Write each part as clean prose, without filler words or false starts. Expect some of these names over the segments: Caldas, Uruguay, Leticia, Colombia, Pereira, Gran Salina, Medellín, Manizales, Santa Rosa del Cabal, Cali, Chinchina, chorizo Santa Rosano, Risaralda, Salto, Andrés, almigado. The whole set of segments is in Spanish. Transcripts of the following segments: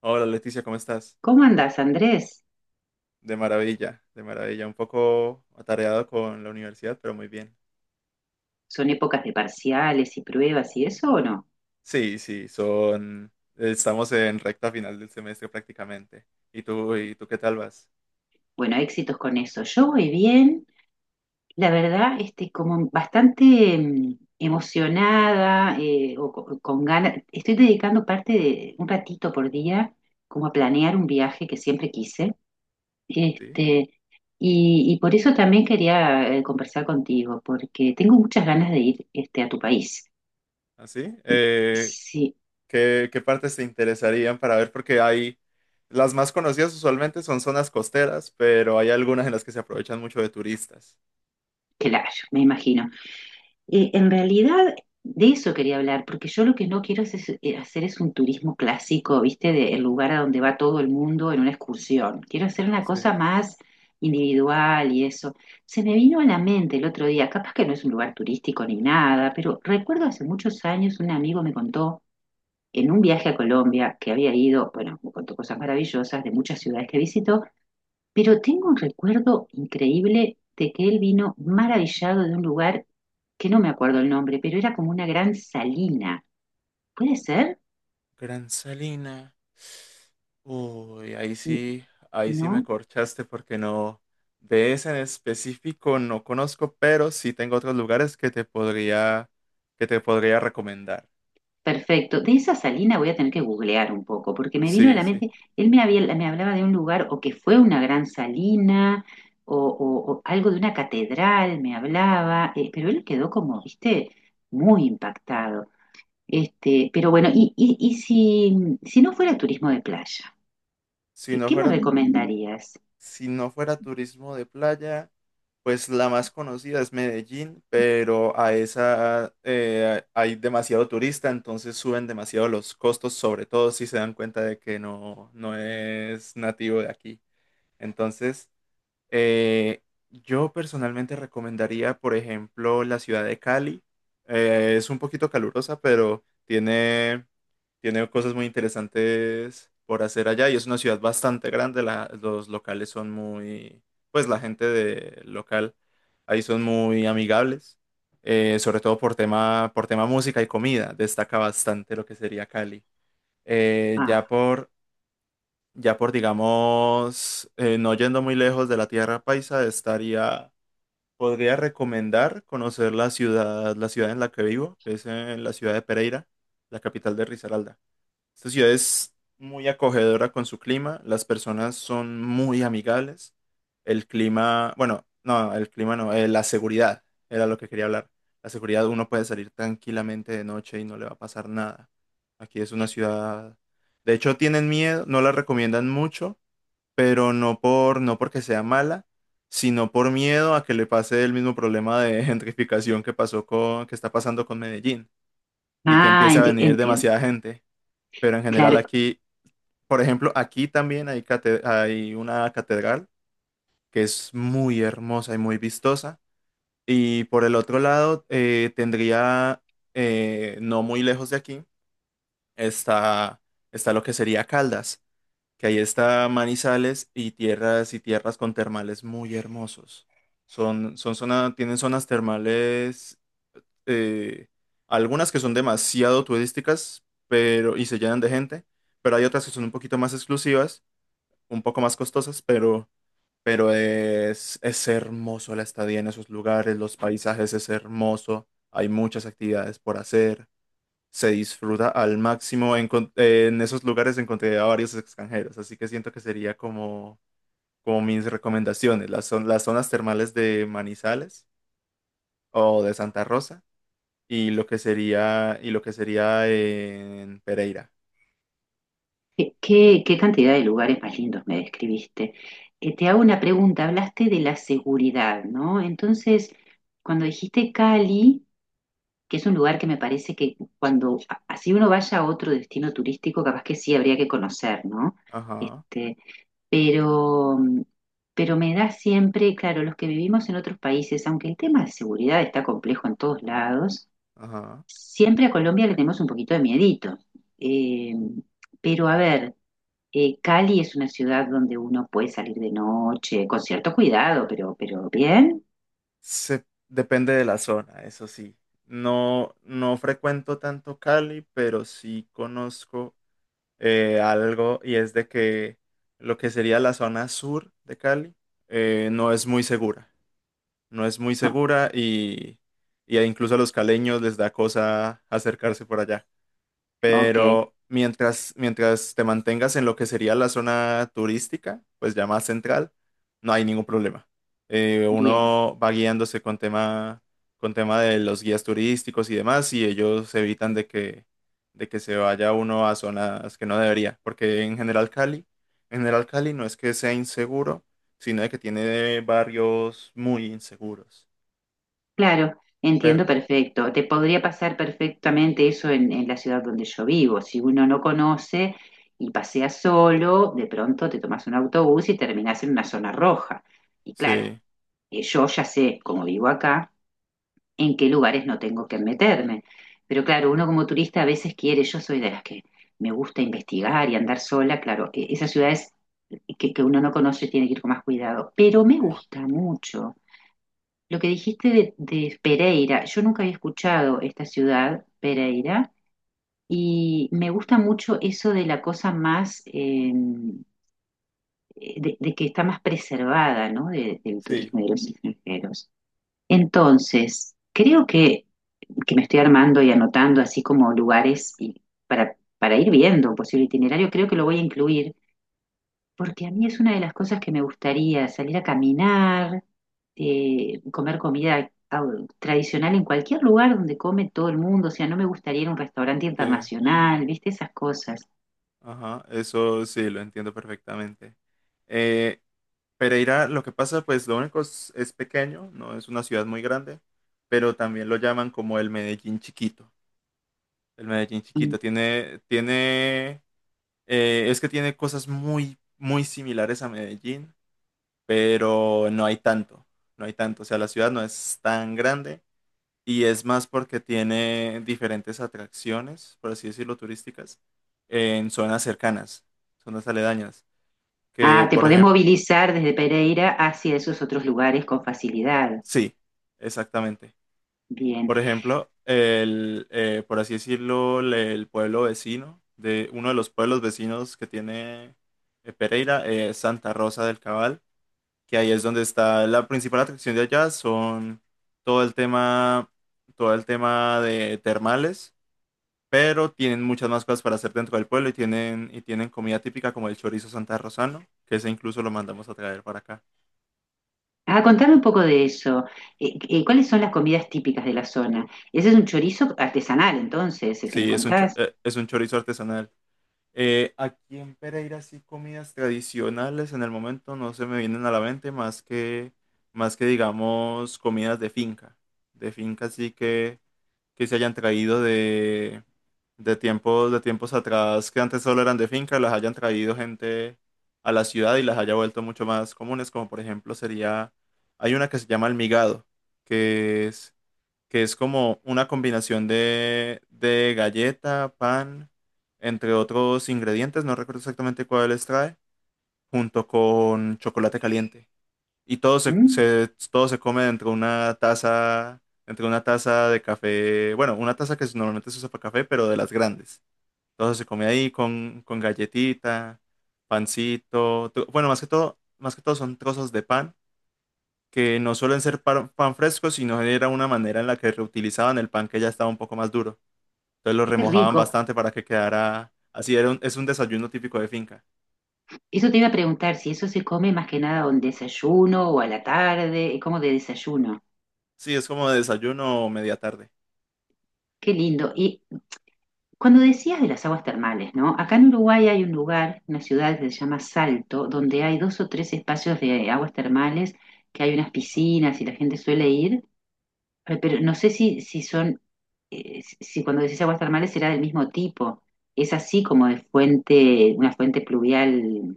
Hola Leticia, ¿cómo estás? ¿Cómo andás, Andrés? De maravilla, de maravilla. Un poco atareado con la universidad, pero muy bien. ¿Son épocas de parciales y pruebas y eso o no? Sí, sí, estamos en recta final del semestre prácticamente. ¿Y tú qué tal vas? Bueno, éxitos con eso. Yo voy bien, la verdad, como bastante emocionada con ganas. Estoy dedicando parte de un ratito por día como a planear un viaje que siempre quise. ¿Sí? Este, y por eso también quería conversar contigo, porque tengo muchas ganas de ir a tu país. ¿Así? Eh, Sí, ¿qué, qué partes te interesarían para ver? Porque hay... Las más conocidas usualmente son zonas costeras, pero hay algunas en las que se aprovechan mucho de turistas. claro, me imagino. En realidad, de eso quería hablar, porque yo lo que no quiero hacer es un turismo clásico, ¿viste? De, el lugar a donde va todo el mundo en una excursión. Quiero hacer una Sí. cosa Sí. más individual y eso. Se me vino a la mente el otro día, capaz que no es un lugar turístico ni nada, pero recuerdo hace muchos años un amigo me contó en un viaje a Colombia que había ido, bueno, me contó cosas maravillosas de muchas ciudades que visitó, pero tengo un recuerdo increíble de que él vino maravillado de un lugar que no me acuerdo el nombre, pero era como una gran salina. ¿Puede ser? Gran Salina. Uy, N- ahí sí me ¿No? corchaste, porque no, de ese en específico no conozco, pero sí tengo otros lugares que te podría recomendar. Perfecto. De esa salina voy a tener que googlear un poco, porque me vino a Sí, la sí. mente, él me había, me hablaba de un lugar o que fue una gran salina o algo de una catedral, me hablaba, pero él quedó como, viste, muy impactado. Pero bueno, y si, si no fuera turismo de playa. Si ¿Qué no me fuera, recomendarías? si no fuera turismo de playa, pues la más conocida es Medellín, pero a esa hay demasiado turista, entonces suben demasiado los costos, sobre todo si se dan cuenta de que no, no es nativo de aquí. Entonces, eh, yo personalmente recomendaría, por ejemplo, la ciudad de Cali. Es un poquito calurosa, pero tiene cosas muy interesantes por hacer allá, y es una ciudad bastante grande. Los locales son muy, pues la gente de local ahí son muy amigables, sobre todo por tema música y comida. Destaca bastante lo que sería Cali. Eh, ya Ah, por ya por, digamos, no yendo muy lejos de la tierra paisa, estaría, podría recomendar conocer la ciudad en la que vivo, que es en la ciudad de Pereira, la capital de Risaralda. Esta ciudad es muy acogedora con su clima, las personas son muy amigables. El clima, bueno, no, el clima no, la seguridad era lo que quería hablar. La seguridad, uno puede salir tranquilamente de noche y no le va a pasar nada. Aquí es una ciudad, de hecho tienen miedo, no la recomiendan mucho, pero no porque sea mala, sino por miedo a que le pase el mismo problema de gentrificación que está pasando con Medellín, y que ah, empiece a venir entiendo. demasiada gente. Pero en general Claro, aquí, por ejemplo, aquí también hay una catedral que es muy hermosa y muy vistosa. Y por el otro lado, tendría, no muy lejos de aquí, está, está lo que sería Caldas, que ahí está Manizales, y tierras con termales muy hermosos. Tienen zonas termales, eh, algunas que son demasiado turísticas, pero, y se llenan de gente, pero hay otras que son un poquito más exclusivas, un poco más costosas, pero es hermoso la estadía en esos lugares, los paisajes es hermoso, hay muchas actividades por hacer, se disfruta al máximo. En esos lugares encontré a varios extranjeros, así que siento que sería como mis recomendaciones, las zonas termales de Manizales o de Santa Rosa, y lo que sería en Pereira. ¿qué, qué cantidad de lugares más lindos me describiste? Te hago una pregunta, hablaste de la seguridad, ¿no? Entonces, cuando dijiste Cali, que es un lugar que me parece que cuando, así uno vaya a otro destino turístico, capaz que sí habría que conocer, ¿no? Ajá, Este, pero, pero me da siempre, claro, los que vivimos en otros países, aunque el tema de seguridad está complejo en todos lados, ajá. siempre a Colombia le tenemos un poquito de miedito. Eh, pero a ver, Cali es una ciudad donde uno puede salir de noche, con cierto cuidado, pero bien. Depende de la zona, eso sí. No, no frecuento tanto Cali, pero sí conozco algo, y es de que lo que sería la zona sur de Cali no es muy segura. No es muy Oh, segura, y incluso a los caleños les da cosa acercarse por allá. ok, Pero mientras te mantengas en lo que sería la zona turística, pues ya más central, no hay ningún problema. Eh, bien, uno va guiándose con tema, de los guías turísticos y demás, y ellos evitan de que, se vaya uno a zonas que no debería, porque en general Cali, no es que sea inseguro, sino de que tiene barrios muy inseguros. claro, Pero entiendo perfecto. Te podría pasar perfectamente eso en la ciudad donde yo vivo. Si uno no conoce y pasea solo, de pronto te tomas un autobús y terminas en una zona roja. Y claro, sí, yo ya sé, como vivo acá, en qué lugares no tengo que meterme. Pero claro, uno como turista a veces quiere, yo soy de las que me gusta investigar y andar sola, claro, esas ciudades que uno no conoce tiene que ir con más cuidado, pero me sí, gusta mucho. Lo que dijiste de Pereira, yo nunca había escuchado esta ciudad, Pereira, y me gusta mucho eso de la cosa más, de que está más preservada, ¿no? Del sí. turismo y de los extranjeros. Entonces, creo que me estoy armando y anotando así como lugares y para ir viendo un posible itinerario, creo que lo voy a incluir, porque a mí es una de las cosas que me gustaría, salir a caminar, comer comida tradicional en cualquier lugar donde come todo el mundo, o sea, no me gustaría ir a un restaurante Sí. internacional, ¿viste? Esas cosas. Ajá, eso sí, lo entiendo perfectamente. Eh, Pereira, lo que pasa, pues lo único es pequeño, no es una ciudad muy grande, pero también lo llaman como el Medellín chiquito. El Medellín Y- chiquito es que tiene cosas muy, muy similares a Medellín, pero no hay tanto, no hay tanto. O sea, la ciudad no es tan grande, y es más porque tiene diferentes atracciones, por así decirlo, turísticas, en zonas cercanas, zonas aledañas que, Ah, te por podés ejemplo, movilizar desde Pereira hacia esos otros lugares con facilidad. sí, exactamente. Bien. Por ejemplo, por así decirlo, el pueblo vecino, de uno de los pueblos vecinos que tiene Pereira, es Santa Rosa del Cabal, que ahí es donde está la principal atracción de allá, son todo el tema, todo el tema de termales, pero tienen muchas más cosas para hacer dentro del pueblo, y tienen comida típica como el chorizo Santa Rosano, que ese incluso lo mandamos a traer para acá. Ah, contame un poco de eso. ¿Cuáles son las comidas típicas de la zona? Ese es un chorizo artesanal, entonces, el que me Sí, contás. Es un chorizo artesanal. Aquí en Pereira sí, comidas tradicionales en el momento no se me vienen a la mente más que, digamos comidas de finca. De finca, sí, que se hayan traído de tiempos atrás, que antes solo eran de finca, las hayan traído gente a la ciudad y las haya vuelto mucho más comunes, como por ejemplo sería, hay una que se llama almigado, que es que es como una combinación de galleta, pan, entre otros ingredientes, no recuerdo exactamente cuáles trae, junto con chocolate caliente. Y todo se, Mm, se- todo se come dentro de una taza, entre una taza de café, bueno, una taza que normalmente se usa para café, pero de las grandes. Todo se come ahí con galletita, pancito, bueno, más que todo son trozos de pan, que no suelen ser pan, pan fresco, sino era una manera en la que reutilizaban el pan que ya estaba un poco más duro. Entonces lo qué remojaban rico. bastante para que quedara así. Es un desayuno típico de finca. Eso te iba a preguntar, si eso se come más que nada a un desayuno o a la tarde, como de desayuno. Sí, es como desayuno o media tarde. Qué lindo. Y cuando decías de las aguas termales, ¿no? Acá en Uruguay hay un lugar, una ciudad que se llama Salto, donde hay dos o tres espacios de aguas termales, que hay unas Ajá. piscinas y la gente suele ir. Ay, pero no sé si, si son, si si cuando decís aguas termales será del mismo tipo. Es así como de fuente, una fuente pluvial,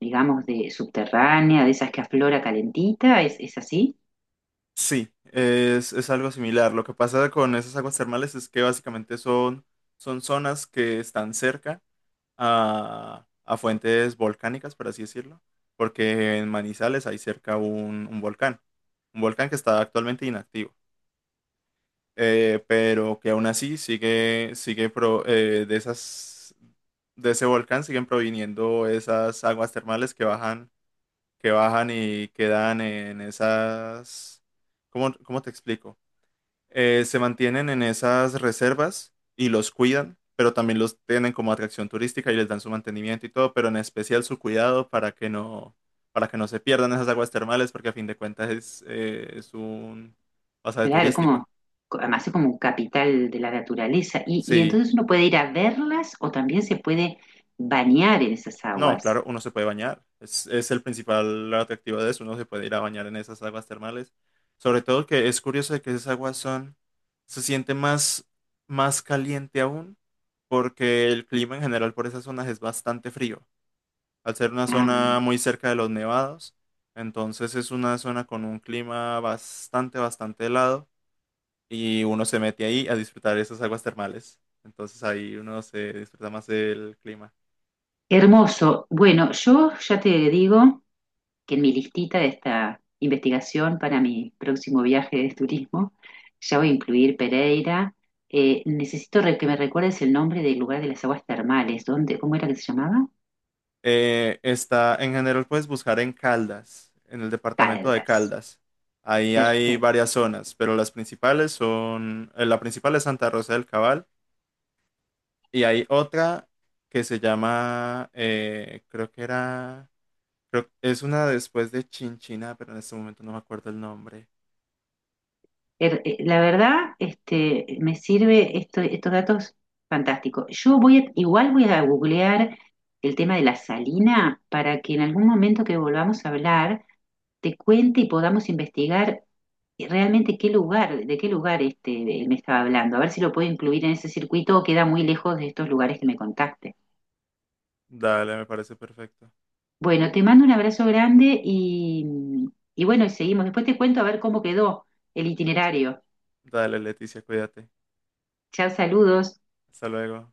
digamos, de subterránea, de esas que aflora calentita, es así? Sí, es algo similar. Lo que pasa con esas aguas termales es que básicamente son zonas que están cerca a fuentes volcánicas, por así decirlo, porque en Manizales hay cerca un volcán, un volcán que está actualmente inactivo. Pero que aún así sigue. De ese volcán siguen proviniendo esas aguas termales que bajan y quedan en esas, ¿cómo te explico? Se mantienen en esas reservas y los cuidan, pero también los tienen como atracción turística y les dan su mantenimiento y todo, pero en especial su cuidado para que no, se pierdan esas aguas termales, porque a fin de cuentas es un pasaje Claro, es turístico. como, además es como un capital de la naturaleza. Y Sí. entonces uno puede ir a verlas o también se puede bañar en esas No, aguas. claro, uno se puede bañar. Es el principal atractivo de eso. Uno se puede ir a bañar en esas aguas termales. Sobre todo que es curioso de que esas aguas se siente más, más caliente aún, porque el clima en general por esas zonas es bastante frío. Al ser una Ah, zona muy cerca de los nevados, entonces es una zona con un clima bastante, bastante helado, y uno se mete ahí a disfrutar esas aguas termales. Entonces ahí uno se disfruta más del clima. hermoso. Bueno, yo ya te digo, que en mi listita de esta investigación para mi próximo viaje de turismo ya voy a incluir Pereira. Necesito que me recuerdes el nombre del lugar de las aguas termales. ¿Dónde, cómo era que se llamaba? Está en general, puedes buscar en Caldas, en el departamento de Caldas. Caldas. Ahí hay Perfecto. varias zonas, pero las principales la principal es Santa Rosa del Cabal, y hay otra que se llama, creo, es una después de Chinchina, pero en este momento no me acuerdo el nombre. La verdad, me sirve estos datos fantásticos. Yo voy a- igual voy a googlear el tema de la salina para que en algún momento que volvamos a hablar te cuente y podamos investigar realmente qué lugar, de qué lugar él me estaba hablando, a ver si lo puedo incluir en ese circuito o queda muy lejos de estos lugares que me contaste. Dale, me parece perfecto. Bueno, te mando un abrazo grande y bueno, y seguimos. Después te cuento a ver cómo quedó el itinerario. Dale, Leticia, cuídate. Chao, saludos. Hasta luego.